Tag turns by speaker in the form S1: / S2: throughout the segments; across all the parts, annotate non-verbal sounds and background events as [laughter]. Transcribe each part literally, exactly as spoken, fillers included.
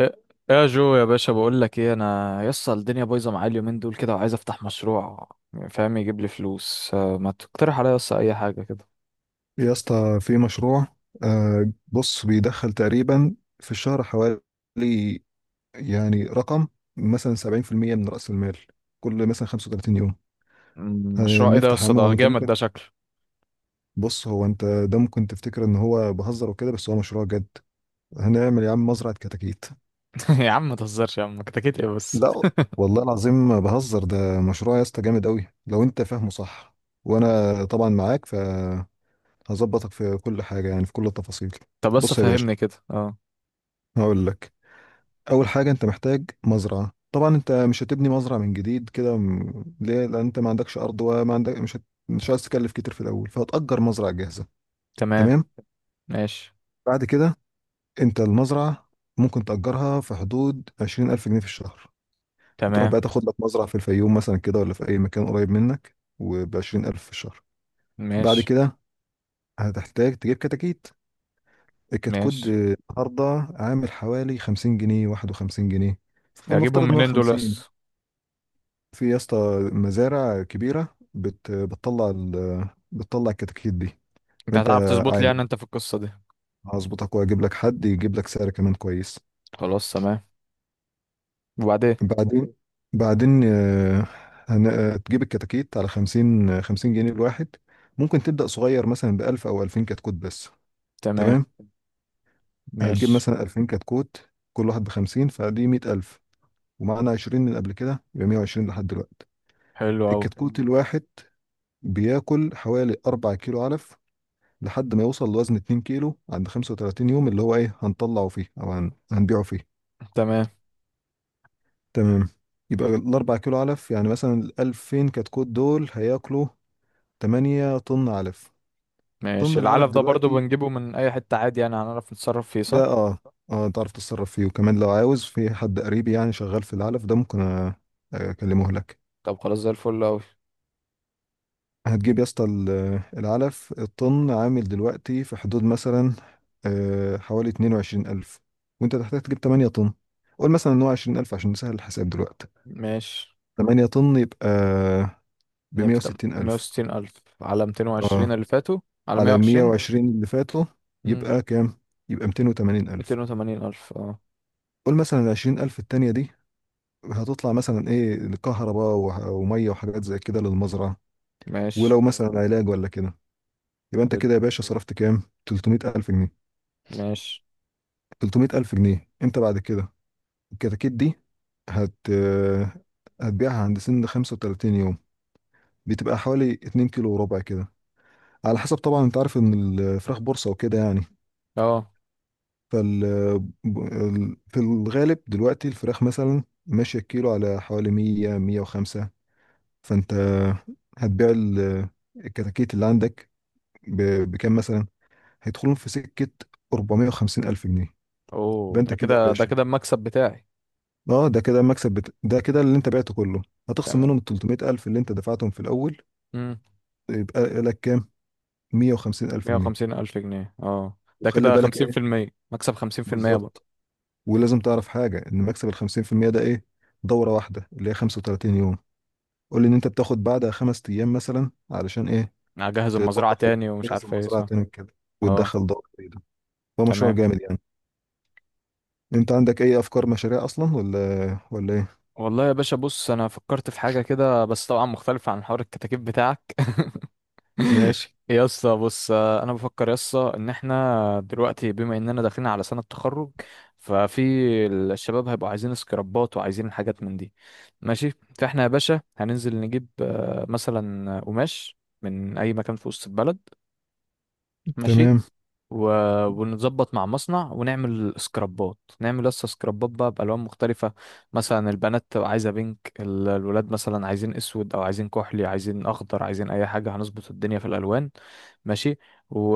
S1: ايه إيه يا جو يا باشا، بقول لك ايه، انا يسطا الدنيا بايظه معايا اليومين دول كده، وعايز افتح مشروع. فاهم، يجيب لي فلوس. آه، ما تقترح عليا يسطا اي حاجه كده.
S2: يا اسطى، في مشروع. آه، بص، بيدخل تقريبا في الشهر حوالي، يعني رقم، مثلا سبعين في المية من رأس المال كل مثلا خمسة وتلاتين يوم.
S1: مم، مشروع ايه ده
S2: هنفتح
S1: يسطا؟
S2: عمهم،
S1: ده
S2: انت
S1: جامد ده
S2: ممكن...
S1: شكله.
S2: بص، هو انت ده ممكن تفتكر ان هو بهزر وكده، بس هو مشروع جد. هنعمل يا عم مزرعة كتاكيت.
S1: [laughs] يا عم ما تهزرش، يا عم كتكيت ايه بس؟
S2: لا، والله العظيم ما بهزر، ده مشروع يا اسطى جامد قوي لو انت فاهمه صح. وانا طبعا معاك، فهظبطك في كل حاجة، يعني في كل التفاصيل.
S1: طب بس
S2: بص يا باشا،
S1: فهمني كده. اه،
S2: هقول لك. اول حاجه انت محتاج مزرعه، طبعا انت مش هتبني مزرعه من جديد كده، م- ليه؟ لان انت ما عندكش ارض وما عندك، مش هت... مش عايز تكلف كتير في الاول، فهتأجر مزرعه جاهزه.
S1: تمام.
S2: تمام.
S1: ماشي.
S2: بعد كده، انت المزرعه ممكن تأجرها في حدود عشرين ألف جنيه في الشهر. وتروح
S1: تمام.
S2: بقى تاخد لك مزرعه في الفيوم مثلا كده ولا في اي مكان قريب منك، وب عشرين ألف في الشهر. بعد
S1: ماشي.
S2: كده هتحتاج تجيب كتاكيت. الكتكوت
S1: ماشي.
S2: آه، النهارده عامل حوالي خمسين جنيه، واحد وخمسين جنيه.
S1: اجيبهم
S2: فلنفترض ان هو
S1: منين دول
S2: خمسين.
S1: يسطا؟
S2: في يا اسطى مزارع كبيرة بت... بتطلع ال... بتطلع الكتاكيت دي.
S1: انت
S2: فانت
S1: هتعرف تظبط لي،
S2: عادي،
S1: يعني انت في القصه دي؟
S2: هظبطك واجيب لك حد يجيب لك سعر كمان كويس.
S1: خلاص تمام. وبعدين؟
S2: بعدين بعدين آه، هن... آه، تجيب الكتاكيت على خمسين، خمسين جنيه الواحد. ممكن تبدأ صغير مثلا بألف أو ألفين كتكوت بس.
S1: تمام.
S2: تمام. هتجيب
S1: ماشي.
S2: مثلا ألفين كتكوت، كل واحد بخمسين، فدي مية ألف. ومعانا عشرين من قبل كده، يبقى مية وعشرين لحد دلوقتي.
S1: حلو قوي.
S2: الكتكوت الواحد بياكل حوالي أربع كيلو علف لحد ما يوصل لوزن 2 كيلو عند خمسة وتلاتين يوم، اللي هو ايه، هنطلعه فيه او هن... هنبيعه فيه.
S1: تمام.
S2: تمام. يبقى الأربع كيلو علف، يعني مثلا الألفين كتكوت دول هياكلوا تمنية طن علف. طن
S1: ماشي.
S2: العلف
S1: العلف ده برضو
S2: دلوقتي
S1: بنجيبه من اي حتة عادي، يعني هنعرف نتصرف فيه
S2: ده،
S1: صح؟
S2: اه. اه تعرف تتصرف فيه، وكمان لو عاوز في حد قريب يعني شغال في العلف ده، ممكن أ- أكلمه لك.
S1: طب خلاص، زي الفل اوي.
S2: هتجيب يا اسطى ال- العلف، الطن عامل دلوقتي في حدود مثلا آه، حوالي اتنين وعشرين ألف. وانت هتحتاج تجيب تمنية طن. قول مثلا ان هو عشرين ألف عشان نسهل الحساب دلوقتي.
S1: ماشي.
S2: تمنية طن يبقى ب
S1: نفتم. مية
S2: مية وستين ألف.
S1: وستين ألف على ميتين
S2: اه،
S1: وعشرين اللي فاتوا. على مية
S2: على
S1: وعشرين
S2: مية وعشرين اللي فاتوا، يبقى كام؟ يبقى ميتين وتمانين ألف.
S1: ميتين وتمانين ألف، اه.
S2: قول مثلا ال عشرين ألف التانية دي هتطلع مثلا ايه، كهرباء وه- ومية وحاجات زي كده للمزرعة،
S1: ماشي.
S2: ولو مثلا علاج ولا كده. يبقى انت
S1: حلو.
S2: كده يا باشا صرفت كام؟ تلت مية ألف جنيه.
S1: ماشي.
S2: تلت مية ألف جنيه. أنت بعد كده الكتاكيت دي هت هتبيعها عند سن خمسة وتلاتين يوم، بتبقى حوالي اتنين كيلو وربع كده، على حسب طبعا، أنت عارف إن الفراخ بورصة وكده يعني.
S1: اه.
S2: فال ال- في الغالب دلوقتي الفراخ مثلا ماشية الكيلو على حوالي مية، مية وخمسة. فأنت هتبيع ال- الكتاكيت اللي عندك ب- بكام مثلا؟ هيدخلهم في سكة اربع مية وخمسين ألف جنيه. يبقى
S1: اوه،
S2: أنت
S1: ده
S2: كده يا
S1: كده ده
S2: باشا،
S1: كده المكسب بتاعي.
S2: اه، ده كده المكسب بت... ده كده اللي انت بعته كله. هتخصم
S1: تمام.
S2: منهم ال تلت مية ألف اللي انت دفعتهم في الاول،
S1: امم.
S2: يبقى لك كام؟ 150000
S1: مية
S2: جنيه
S1: وخمسين ألف جنيه اه. ده
S2: وخلي
S1: كده
S2: بالك
S1: خمسين في
S2: ايه؟
S1: المية مكسب، خمسين في المية بقى.
S2: بالظبط. ولازم تعرف حاجه، ان مكسب ال خمسين في المية ده ايه؟ دوره واحده اللي هي خمسة وتلاتين يوم. قول لي ان انت بتاخد بعدها خمس ايام مثلا، علشان ايه؟
S1: أنا هجهز المزرعة
S2: تنظف،
S1: تاني ومش
S2: تجهز
S1: عارف ايه،
S2: المزرعه
S1: صح؟
S2: تاني كده،
S1: اه،
S2: وتدخل دوره جديده. هو مشروع
S1: تمام.
S2: جامد يعني. انت عندك اي افكار مشاريع اصلا، ولا ولا ايه؟
S1: والله يا باشا بص، انا فكرت في حاجه كده، بس طبعا مختلفه عن حوار الكتاكيت بتاعك. [laughs]
S2: ماشي.
S1: يا اسطى بص، آه، انا بفكر يا اسطى، ان احنا دلوقتي بما اننا داخلين على سنه تخرج، ففي الشباب هيبقوا عايزين سكرابات وعايزين حاجات من دي. ماشي. فاحنا يا باشا هننزل نجيب آه، مثلا قماش من اي مكان في وسط البلد. ماشي.
S2: تمام.
S1: و... ونظبط مع مصنع ونعمل سكرابات، نعمل لسه سكرابات بقى بألوان مختلفة. مثلا البنات تبقى عايزة بينك، ال- الولاد مثلا عايزين اسود، او عايزين كحلي، عايزين اخضر، عايزين اي حاجة، هنظبط الدنيا في الالوان. ماشي. و...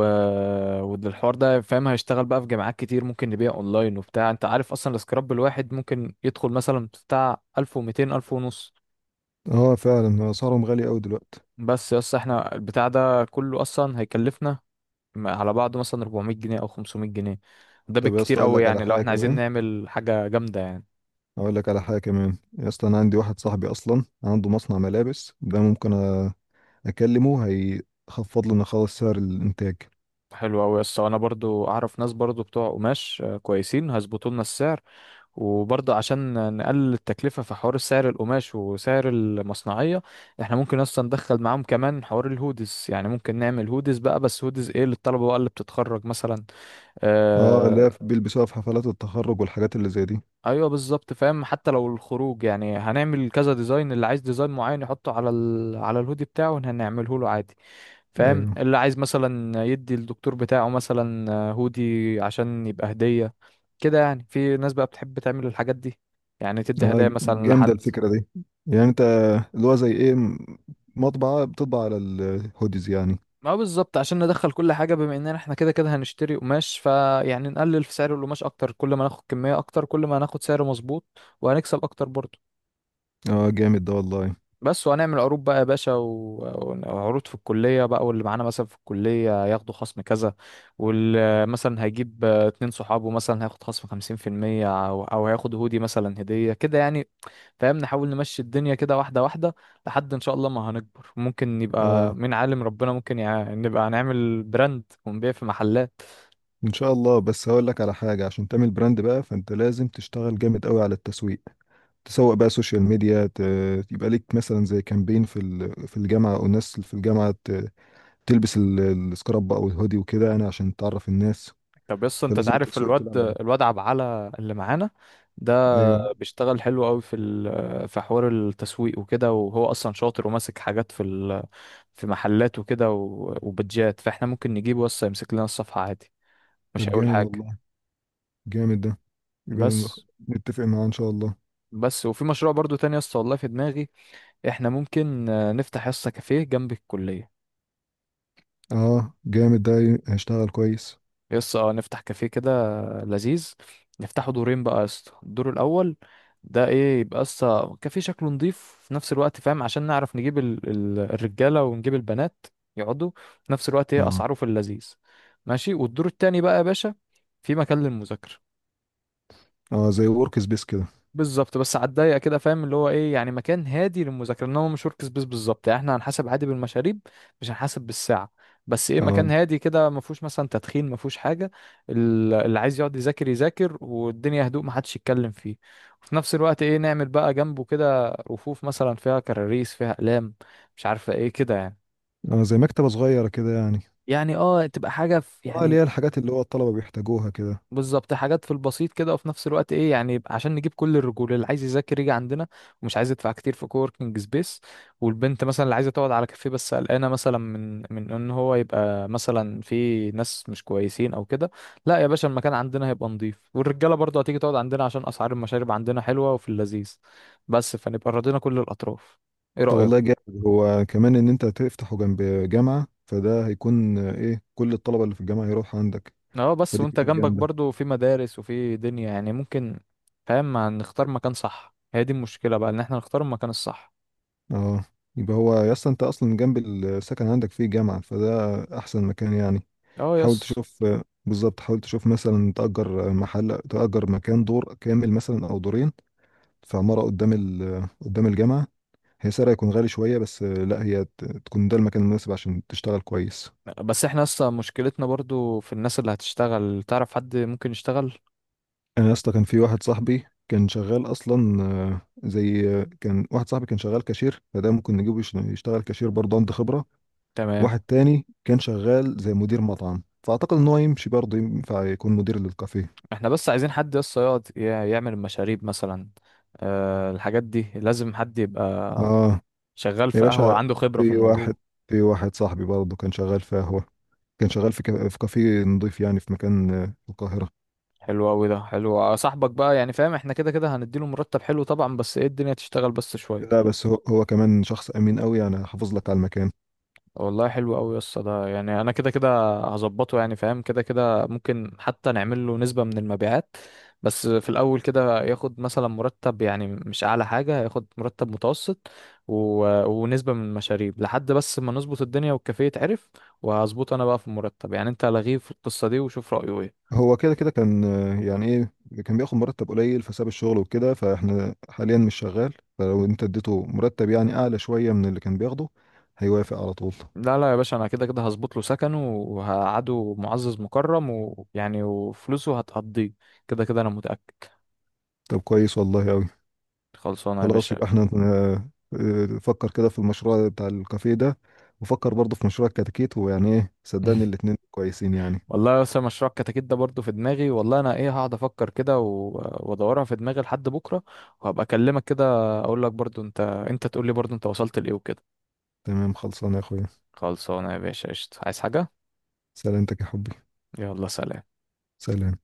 S1: والحوار ده، فاهم، هيشتغل بقى في جامعات كتير، ممكن نبيع اونلاين وبتاع. انت عارف اصلا السكراب الواحد ممكن يدخل مثلا بتاع ألف ومتين، ألف ونص.
S2: اه فعلا اسعارهم غاليه قوي دلوقتي.
S1: بس يس، احنا البتاع ده كله اصلا هيكلفنا م- على بعضه مثلا أربعمية جنيه او خمسمية جنيه. ده
S2: طب يا
S1: بالكتير
S2: اسطى، اقول
S1: قوي،
S2: لك على
S1: يعني لو
S2: حاجه
S1: احنا عايزين
S2: كمان.
S1: نعمل حاجه جامده يعني.
S2: اقول لك على حاجه كمان يا اسطى، انا عندي واحد صاحبي اصلا عنده مصنع ملابس، ده ممكن أ- اكلمه، هيخفض لنا خالص سعر الانتاج.
S1: حلو قوي يا اسطى، انا برضو اعرف ناس برضو بتوع قماش آه، كويسين، هيظبطوا لنا السعر. وبرضو عشان نقلل التكلفه في حوار سعر القماش وسعر المصنعيه، احنا ممكن اصلا ندخل معاهم كمان حوار الهودز. يعني ممكن نعمل هودز بقى، بس هودز ايه؟ للطلبه بقى اللي بتتخرج مثلا.
S2: اه
S1: آه،
S2: لا، بيلبسوها في حفلات التخرج والحاجات اللي زي دي.
S1: ايوه، بالظبط فاهم. حتى لو الخروج يعني، هنعمل كذا ديزاين، اللي عايز ديزاين معين يحطه على ال... على الهودي بتاعه هنعمله له عادي. فاهم،
S2: ايوه.
S1: اللي عايز مثلا يدي الدكتور بتاعه مثلا هودي عشان يبقى هدية كده، يعني في ناس بقى بتحب تعمل الحاجات دي، يعني تدي هدايا
S2: اه
S1: مثلا
S2: جامده
S1: لحد.
S2: الفكره دي. يعني انت اللي هو زي ايه، م- مطبعه بتطبع على الهوديز يعني.
S1: ما هو بالظبط، عشان ندخل كل حاجة، بما اننا احنا كده كده هنشتري قماش، فيعني نقلل في سعر القماش اكتر، كل ما ناخد كمية اكتر كل ما هناخد سعر مظبوط، وهنكسب اكتر برضه.
S2: اه جامد ده والله.
S1: بس وهنعمل عروض بقى يا باشا، و- وعروض في الكلية بقى، واللي معانا مثلا في الكلية ياخدوا خصم كذا. ومثلا هيجيب آه، اتنين صحابه، مثلا هياخد خصم خمسين في المية، أو أو هياخد هودي مثلا هدية كده يعني. فاهم، نحاول نمشي الدنيا كده واحدة واحدة، لحد إن شاء الله ما هنكبر، ممكن يبقى
S2: اه،
S1: مين عالم ربنا، ممكن يع... نبقى نعمل براند ونبيع في محلات.
S2: ان شاء الله. بس هقول لك على حاجه عشان تعمل براند بقى، فانت لازم تشتغل جامد قوي على التسويق. تسوق بقى سوشيال ميديا. ت- يبقى ليك مثلا زي كامبين في ال- في الجامعه، او الناس في الجامعه ت- تلبس ال- السكراب او الهودي وكده يعني عشان تعرف الناس.
S1: طب يس، أنت
S2: فلازم
S1: تعرف
S2: التسويق
S1: الواد
S2: تلعب عليه.
S1: الواد عبعلة اللي معانا ده؟
S2: ايوه.
S1: بيشتغل حلو قوي في ال- في حوار التسويق وكده، وهو اصلا شاطر وماسك حاجات في ال- في محلات وكده، و- وبتجات. فاحنا ممكن نجيبه بس يمسك لنا الصفحة عادي، مش
S2: طب
S1: هيقول
S2: جامد
S1: حاجة.
S2: والله، جامد ده. يبقى نخ-
S1: بس
S2: نتفق معاه ان شاء الله.
S1: بس وفي مشروع برضو تاني يا اسطى، والله في دماغي. احنا ممكن آه، نفتح يا اسطى كافيه جنب الكلية.
S2: اه جامد ده، ي- هيشتغل كويس.
S1: يس، اه، نفتح كافيه كده لذيذ. نفتحه دورين بقى يا اسطى. الدور الاول ده ايه؟ يبقى اسطى كافيه شكله نضيف، في نفس الوقت فاهم، عشان نعرف نجيب ال... ال... الرجاله ونجيب البنات يقعدوا، في نفس الوقت ايه
S2: اه.
S1: اسعاره في اللذيذ. ماشي. والدور التاني بقى يا باشا في مكان للمذاكره.
S2: اه زي ورك سبيس كده.
S1: بالظبط، بس على الضيق كده فاهم، اللي هو ايه يعني، مكان هادي للمذاكره، انما مش ورك سبيس بالظبط، يعني احنا هنحاسب عادي بالمشاريب، مش هنحاسب بالساعه. بس ايه، مكان
S2: اه.
S1: هادي كده ما فيهوش مثلا تدخين، ما فيهوش حاجه. ال- اللي عايز يقعد يذاكر يذاكر، والدنيا هدوء ما حدش يتكلم فيه. وفي نفس الوقت ايه، نعمل بقى جنبه كده رفوف مثلا فيها كراريس فيها اقلام، مش عارفه ايه كده يعني.
S2: اه زي مكتبه صغيره كده يعني.
S1: يعني اه، تبقى حاجه في
S2: اه، اللي
S1: يعني.
S2: هي الحاجات اللي هو الطلبه بيحتاجوها كده.
S1: بالظبط، حاجات في البسيط كده، وفي نفس الوقت ايه، يعني عشان نجيب كل الرجوله اللي عايز يذاكر يجي عندنا ومش عايز يدفع كتير في كووركينج سبيس، والبنت مثلا اللي عايزه تقعد على كافيه بس قلقانه مثلا من من ان هو يبقى مثلا في ناس مش كويسين او كده. لا يا باشا، المكان عندنا هيبقى نظيف، والرجاله برضه هتيجي تقعد عندنا عشان اسعار المشارب عندنا حلوه وفي اللذيذ. بس فنبقى راضينا كل الاطراف. ايه
S2: طب والله
S1: رايك؟
S2: جامد، هو كمان ان انت تفتحه جنب جامعة، فده هيكون آه، ايه، كل الطلبة اللي في الجامعة يروحوا عندك.
S1: اه، بس
S2: فدي
S1: وانت
S2: فكرة
S1: جنبك
S2: جامدة.
S1: برضو في مدارس وفي دنيا يعني ممكن. فاهم، ما نختار مكان صح، هي دي المشكلة بقى، ان احنا نختار المكان الصح.
S2: اه، يبقى هو يا اسطى انت اصلا جنب السكن عندك فيه جامعة، فده احسن مكان يعني.
S1: اه،
S2: حاول
S1: يس.
S2: تشوف، آه، بالظبط. حاول تشوف مثلا تأجر آه، محل، تأجر مكان، دور كامل مثلا او دورين في عمارة قدام ال... آه، قدام الجامعة. هي سعرها يكون غالي شوية، بس آه، لا، هي ت- تكون ده المكان المناسب عشان تشتغل كويس.
S1: بس احنا اصلا مشكلتنا برضو في الناس اللي هتشتغل. تعرف حد ممكن يشتغل؟
S2: انا يا اسطى كان في واحد صاحبي كان شغال اصلا، آه، زي، آه، كان واحد صاحبي كان شغال كاشير، فده ممكن نجيبه يش- يشتغل كاشير برضه، عنده خبره.
S1: تمام.
S2: واحد تاني كان شغال زي مدير مطعم، فاعتقد ان هو يمشي برضه، ينفع يكون مدير للكافيه.
S1: احنا بس عايزين حد يس يقعد يع- يعمل المشاريب مثلا. أه، الحاجات دي لازم حد يبقى
S2: اه.
S1: شغال
S2: يا
S1: في قهوة،
S2: باشا،
S1: عنده خبرة في
S2: في واحد
S1: الموضوع.
S2: في واحد صاحبي برضه كان شغال في قهوه، كان شغال في كا- في كافيه نضيف يعني، في مكان آه، في القاهره.
S1: حلو قوي، ده حلو. آه، صاحبك بقى يعني فاهم، احنا كده كده هنديله مرتب حلو طبعا، بس ايه الدنيا تشتغل بس
S2: لا
S1: شوية.
S2: بس هو هو كمان شخص امين قوي يعني، حافظ لك على المكان.
S1: والله حلو قوي يا اسطى ده، يعني انا كده كده هظبطه، يعني فاهم، كده كده ممكن حتى نعمل له نسبة من المبيعات. بس في الاول كده ياخد مثلا مرتب، يعني مش اعلى حاجة، ياخد مرتب متوسط، و... ونسبة من المشاريب، لحد بس ما نظبط الدنيا والكافيه يتعرف. وهظبطه انا بقى في المرتب، يعني انت لغيه في القصة دي وشوف رأيه ايه.
S2: هو كده كده كان آه، يعني ايه، كان بياخد مرتب قليل فساب الشغل وكده، فاحنا حاليا مش شغال، فلو انت اديته مرتب يعني اعلى شوية من اللي كان بياخده، هيوافق على طول.
S1: لا لا يا باشا، انا كده كده هظبط له سكنه وهقعده معزز مكرم، ويعني وفلوسه هتقضيه، كده كده انا متأكد.
S2: طب كويس والله اوي.
S1: خلصانة يا
S2: خلاص،
S1: باشا.
S2: يبقى احنا آه، آه، فكر كده في المشروع بتاع الكافيه ده، وفكر برضه في مشروع الكتاكيت، ويعني ايه، صدقني
S1: [laughs]
S2: الاتنين كويسين يعني.
S1: والله اصل مشروع الكتاكيت ده برضه في دماغي، والله. انا ايه، هقعد افكر كده و- وادورها في دماغي لحد بكره، وهبقى اكلمك كده. اقول لك برضه انت انت تقول لي برضه انت وصلت لايه وكده.
S2: تمام. خلصانه يا اخويا.
S1: خلصانه يا باشا، قشطه، عايز حاجه؟
S2: سلامتك يا حبي.
S1: يلا سلام.
S2: سلام.